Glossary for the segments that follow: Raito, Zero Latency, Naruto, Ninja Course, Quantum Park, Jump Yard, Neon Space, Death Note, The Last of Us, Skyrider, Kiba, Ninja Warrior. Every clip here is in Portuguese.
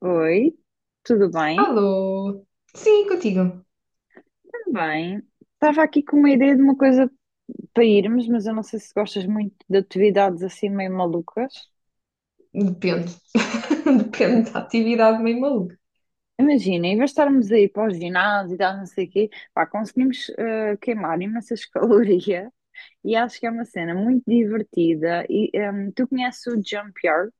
Oi, tudo bem? Alô? Sim, contigo. Também. Estava aqui com uma ideia de uma coisa para irmos, mas eu não sei se gostas muito de atividades assim meio malucas. Depende. Depende da atividade meio maluca. Imagina, em vez de estarmos aí para o ginásio e tal, não sei o quê, pá, conseguimos queimar imensas calorias e acho que é uma cena muito divertida. E tu conheces o Jump Yard?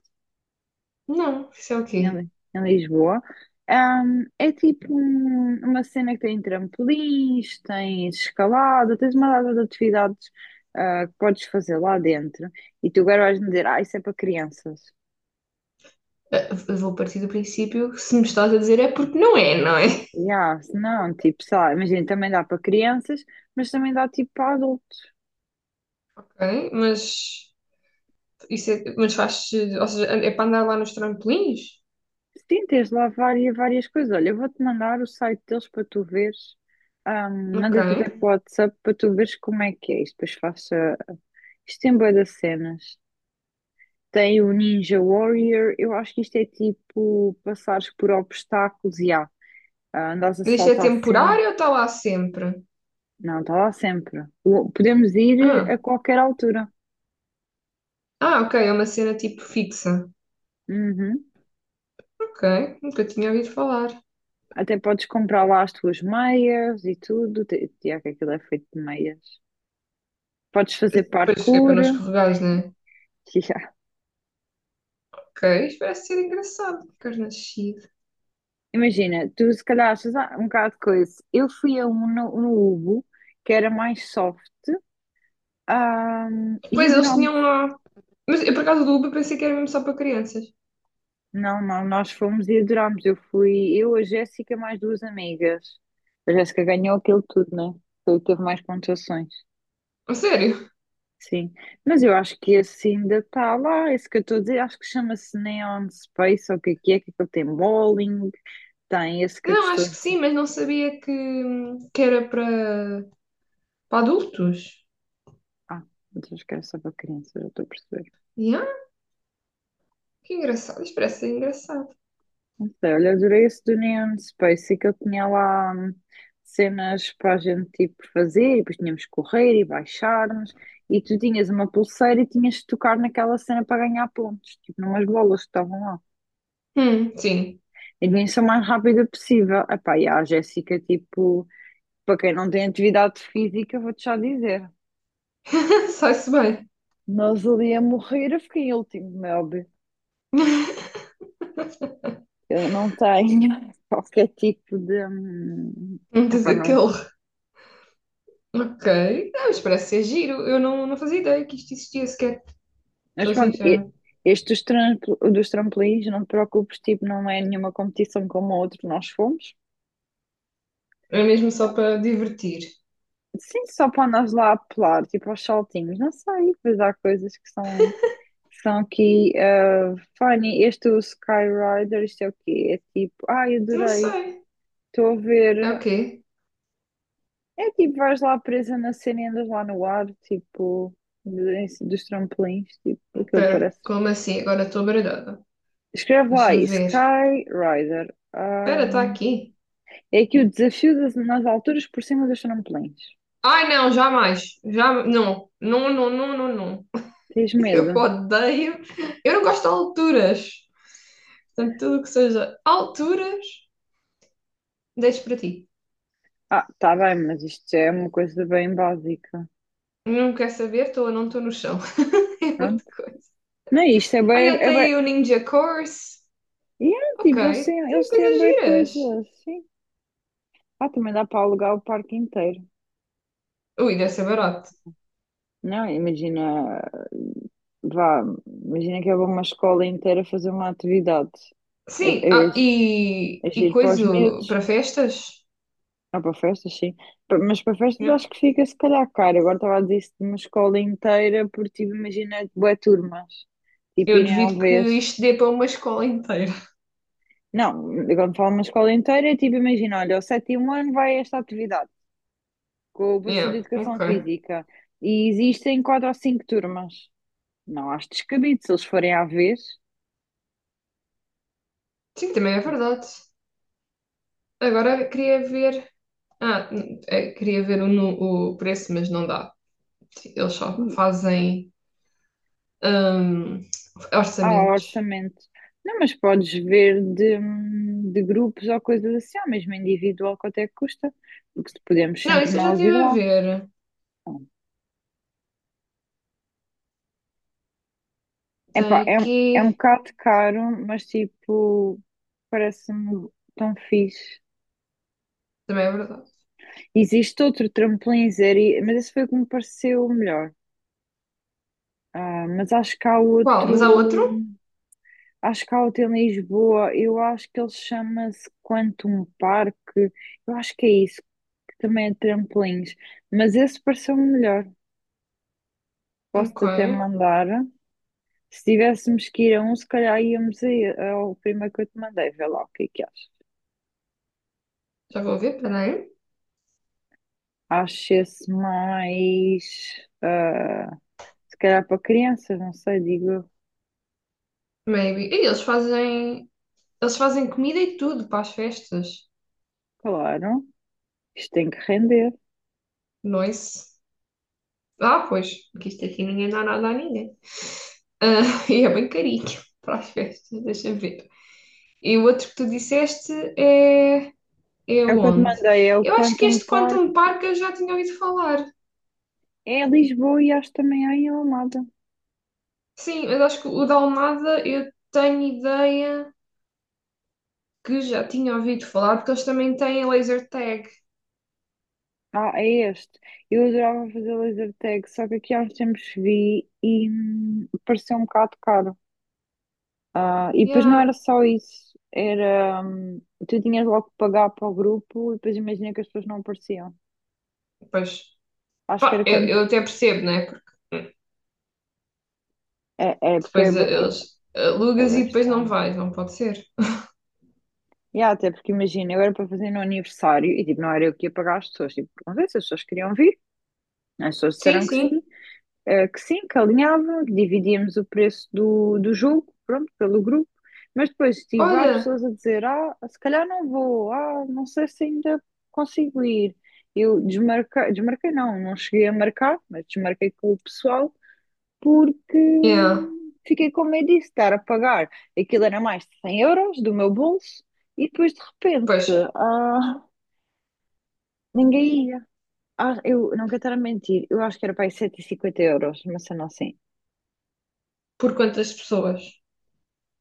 Não, isso é o quê? Em Lisboa. É tipo uma cena que tem trampolins, tens escalada, tens uma data de atividades que podes fazer lá dentro. E tu agora vais-me dizer: ah, isso é para crianças. Ah, eu vou partir do princípio que se me estás a dizer é porque não é, não é? Yeah, se não, tipo, sei lá, imagina, também dá para crianças, mas também dá tipo para adultos. Ok, mas isso é, mas faz, ou seja, é para andar lá nos trampolins? Sim, tens lá várias coisas. Olha, eu vou-te mandar o site deles para tu veres. Ok. Mandei-te até para o WhatsApp para tu veres como é que é isto. Depois faço. Isto tem bué de cenas. Tem o Ninja Warrior. Eu acho que isto é tipo passares por obstáculos e há. Ah, andares a Mas isto é saltar sempre. temporário ou está lá sempre? Não, está lá sempre. Podemos ir a Ah, qualquer altura. ah, ok, é uma cena tipo fixa. Uhum. Ok, nunca tinha ouvido falar. Até podes comprar lá as tuas meias e tudo. Tiago, que aquilo é feito de meias. Podes fazer Depois é para não parkour. escorregares, né? Ok, isto parece ser engraçado. Carne nascido. Imagina, tu se calhar achas um bocado de coisa. Eu fui a um no Ubo, que era mais soft, ah, e Depois eles adorámos. tinham lá. Mas eu, por acaso do Uber, pensei que era mesmo só para crianças. Não, não, nós fomos e adorámos. Eu fui, eu, a Jéssica, mais duas amigas. A Jéssica ganhou aquilo tudo, né? Foi o que teve mais pontuações. A sério? Sim. Mas eu acho que esse ainda está lá, esse que eu estou a dizer, acho que chama-se Neon Space, ou o que é que é, que ele tem bowling, tem esse que eu te Não, estou a acho que sim, dizer. mas não sabia que era para adultos. Ah, mas acho que era só para crianças, já estou a perceber. Yeah, que engraçado. Isto parece ser engraçado. Não sei, olha, adorei esse do Neon Space, e que ele tinha lá cenas para a gente tipo fazer, e depois tínhamos que correr e baixarmos, e tu tinhas uma pulseira e tinhas de tocar naquela cena para ganhar pontos, tipo numas bolas que estavam lá. Sim. E devia ser o mais rápida possível. Epá, e a Jéssica, tipo, para quem não tem atividade física, vou-te já dizer, Sai-se bem. nós ali a morrer, eu fiquei em último, meu óbvio. Eu não tenho qualquer tipo de, Não diz epá, não. aquele. Ok. Não, mas parece ser giro. Eu não fazia ideia que isto existia sequer. Mas Sou pronto, sincera. este dos, dos trampolins, não te preocupes, tipo, não é nenhuma competição como a outra que nós fomos. É mesmo só para divertir. Sim, só para andares lá a pular, tipo, aos saltinhos, não sei, pois há coisas que são, aqui funny. Este do Skyrider, isto é o quê? É tipo, ai, Não adorei, sei. estou a É o ver. quê? É tipo vais lá presa na cena e andas lá no ar, tipo, dos trampolins, tipo aquilo Espera, parece. como assim? Agora estou baralhada. Escreve lá Deixa-me aí, ver. Skyrider. Espera, está aqui. É que o desafio nas alturas por cima dos trampolins. Ai, não, jamais. Já, não. Não, não, não, não, não. Tens medo? Eu odeio. Eu não gosto de alturas. Portanto, tudo o que seja alturas, deixo para ti. Ah, tá bem, mas isto já é uma coisa bem básica. Não quer saber, estou ou não estou no chão. É muita Pronto. coisa. Não é isto, é bem. Ai, até É bem... aí o Ninja Course. Yeah, Ok, tipo, eles têm, tem eles têm coisas bem giras. coisas. Sim. Ah, também dá para alugar o parque inteiro. Ui, deve ser barato. Não, imagina. Vá, imagina que é uma escola inteira fazer uma atividade. Sim, É, é, ah, e, é e giro para os coisa medos. para festas? Ah, para festas, sim. Mas para festas Yeah. acho que fica se calhar caro. Agora estava a dizer isso de uma escola inteira, porque tipo, imagina bué turmas, tipo Eu irem à duvido que vez. isto dê para uma escola inteira. Não, quando falo uma escola inteira, é tipo, imagina, olha, o sétimo ano vai a esta atividade, com o professor de Yeah, Educação ok. Física, e existem quatro ou cinco turmas. Não, acho descabido, se eles forem à vez, Sim, também é verdade. Agora queria ver. Ah, queria ver o, o preço, mas não dá. Eles só fazem hum, há orçamentos. orçamento. Não, mas podes ver de grupos ou coisas assim, ou mesmo individual, quanto é que custa, porque podemos Não, sempre isso eu já nós estive ir a lá. ver. Tem Epá, é um aqui. bocado caro, mas tipo, parece-me tão fixe. Também é verdade. Existe outro trampolim zero, mas esse foi o que me pareceu o melhor. Ah, mas acho que há Qual? Mas há outro? outro, acho que há outro em Lisboa, eu acho que ele chama-se Quantum Parque, eu acho que é isso, que também é trampolins, mas esse pareceu-me melhor. Ok. Posso-te até mandar. Se tivéssemos que ir a um, se calhar íamos aí ao primeiro que eu te mandei, vê lá o que é que achas. Já vou ver, peraí. Acho-se mais, se calhar para crianças, não sei, digo eu. Maybe. E eles fazem. Eles fazem comida e tudo para as festas. Claro, isto tem que render. Nois. Ah, pois. Porque isto aqui ninguém dá nada a ninguém. Ah, e é bem carinho para as festas, deixa eu ver. E o outro que tu disseste é. É o Eu que eu te onde? mandei, é o Eu acho que Quantum este Park. Quantum Park eu já tinha ouvido falar. É em Lisboa e acho também há em Almada. Sim, mas acho que o da Almada eu tenho ideia que já tinha ouvido falar, porque eles também têm laser tag. Ah, é este. Eu adorava fazer laser tag, só que aqui há uns tempos vi e pareceu um bocado caro. Ah, e depois não era Yeah. só isso, tu tinhas logo que pagar para o grupo e depois imagina que as pessoas não apareciam. Pois, Acho que pá, era eu, quando, eu até percebo, né? Porque é porque é depois bem, eles é alugas bem e depois não vais, não pode ser. e há, até porque imagina, eu era para fazer no aniversário e tipo, não era eu que ia pagar as pessoas. Tipo, perguntei se as pessoas queriam vir. As pessoas Sim, disseram que sim. sim, que sim, que alinhavam, que dividíamos o preço do jogo, pronto, pelo grupo. Mas depois tive lá Olha, pessoas a dizer: ah, se calhar não vou, ah, não sei se ainda consigo ir. Eu desmarquei, desmarquei não, não cheguei a marcar, mas desmarquei com o pessoal porque yeah. fiquei com medo disso, estar a pagar. Aquilo era mais de 100 € do meu bolso e depois de repente, Pois, ah, ninguém ia. Ah, eu não quero estar a mentir, eu acho que era para aí 150 euros, mas sendo assim. por quantas pessoas?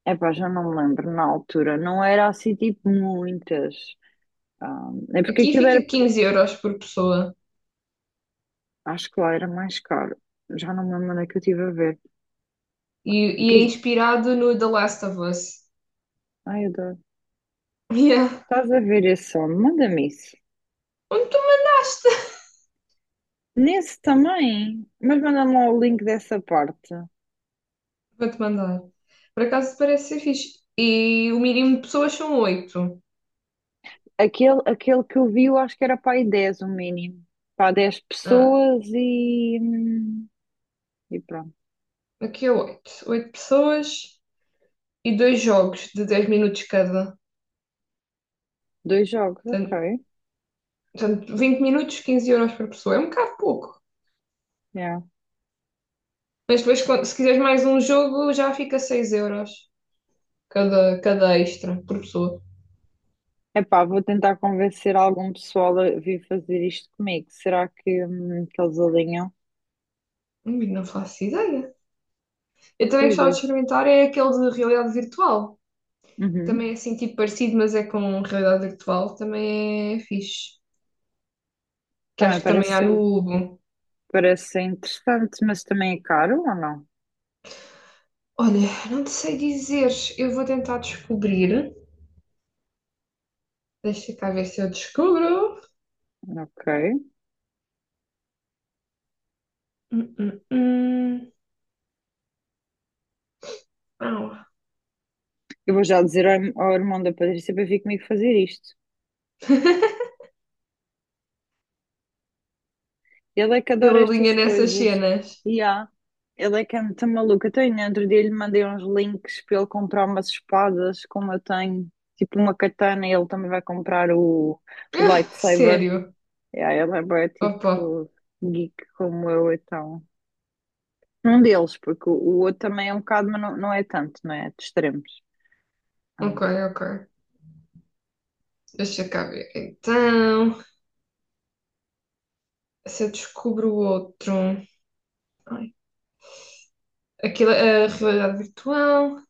Epá, já não me lembro na altura, não era assim tipo muitas. Ah, é porque Aqui aquilo era, fica 15 euros por pessoa acho que lá era mais caro. Já não me lembro onde é que eu estive a ver. O e, que e é é isto? inspirado no The Last of Us. Ai, eu adoro. Yeah. Estás a ver esse som? Manda-me isso. Onde tu mandaste? Nesse também, mas manda-me lá o link dessa parte. Vou-te mandar. Por acaso parece ser fixe. E o mínimo de pessoas são oito. Aquele que eu vi, eu acho que era para aí 10 o mínimo. Para dez Ah, pessoas e pronto. aqui é oito. Oito pessoas e dois jogos de 10 minutos cada. Dois jogos, ok. Portanto, 20 minutos, 15 euros por pessoa. É um bocado pouco. Yeah. Mas depois, se quiseres mais um jogo, já fica 6 euros cada extra por pessoa. Epá, vou tentar convencer algum pessoal a vir fazer isto comigo. Será que eles alinham? Não faço ideia. Eu também Pois gostava de dois. experimentar é aquele de realidade virtual. Uhum. Também é assim, tipo parecido, mas é com realidade virtual. Também é fixe. Que Também acho que também parece há ser, no Hugo. parece ser interessante, mas também é caro ou não? Olha, não te sei dizer. Eu vou tentar descobrir. Deixa cá ver se eu descubro. Ok. Hum, hum, hum. Au. Eu vou já dizer ao irmão da Patrícia para vir comigo fazer isto. Ele é que Ele adora alinha estas nessas coisas. cenas. E há. Ele é que é muito maluco. Até no outro dia lhe mandei uns links para ele comprar umas espadas, como eu tenho, tipo uma katana, e ele também vai comprar o Ah, lightsaber. sério? Yeah, ele é bué, Opa, tipo geek como eu, então. Um deles, porque o outro também é um bocado, mas não, não é tanto, não é? De extremos. Ah, ok, ok. Deixa cá ver. Então, se eu descubro outro. Ai, aquilo, é a realidade virtual.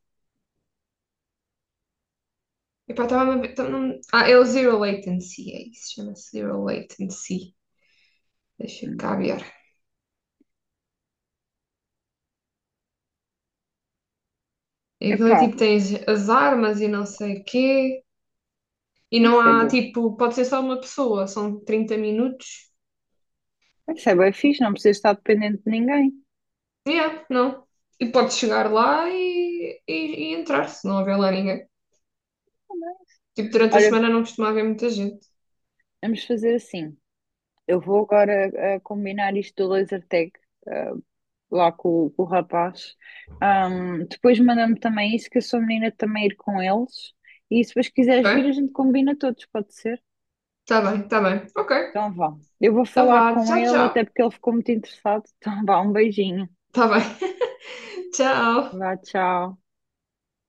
Epá, estava a ver. Ah, é o Zero Latency, é isso. Chama-se Zero Latency. Deixa hum. cá ver. E aquilo é Epá, tipo, tens as armas e não sei o quê. E não isso é há, bom. tipo, pode ser só uma pessoa, são 30 minutos. Isso é bem fixe, não precisa estar dependente de ninguém. Yeah, não. E podes chegar lá e entrar, se não houver lá ninguém. Tipo, durante a Olha, semana não costuma haver muita gente. vamos fazer assim. Eu vou agora combinar isto do laser tag eh, lá com o rapaz. Depois manda-me também isso, que eu sou menina de também ir com eles. E se depois quiseres vir, a Ok, gente combina todos, pode ser? tá bem, tá bem. Ok, Então vá. Eu vou então falar vá, com tchau, ele, até tchau. porque ele ficou muito interessado. Então vá, um beijinho. Tá bem, tchau. Vá, tchau.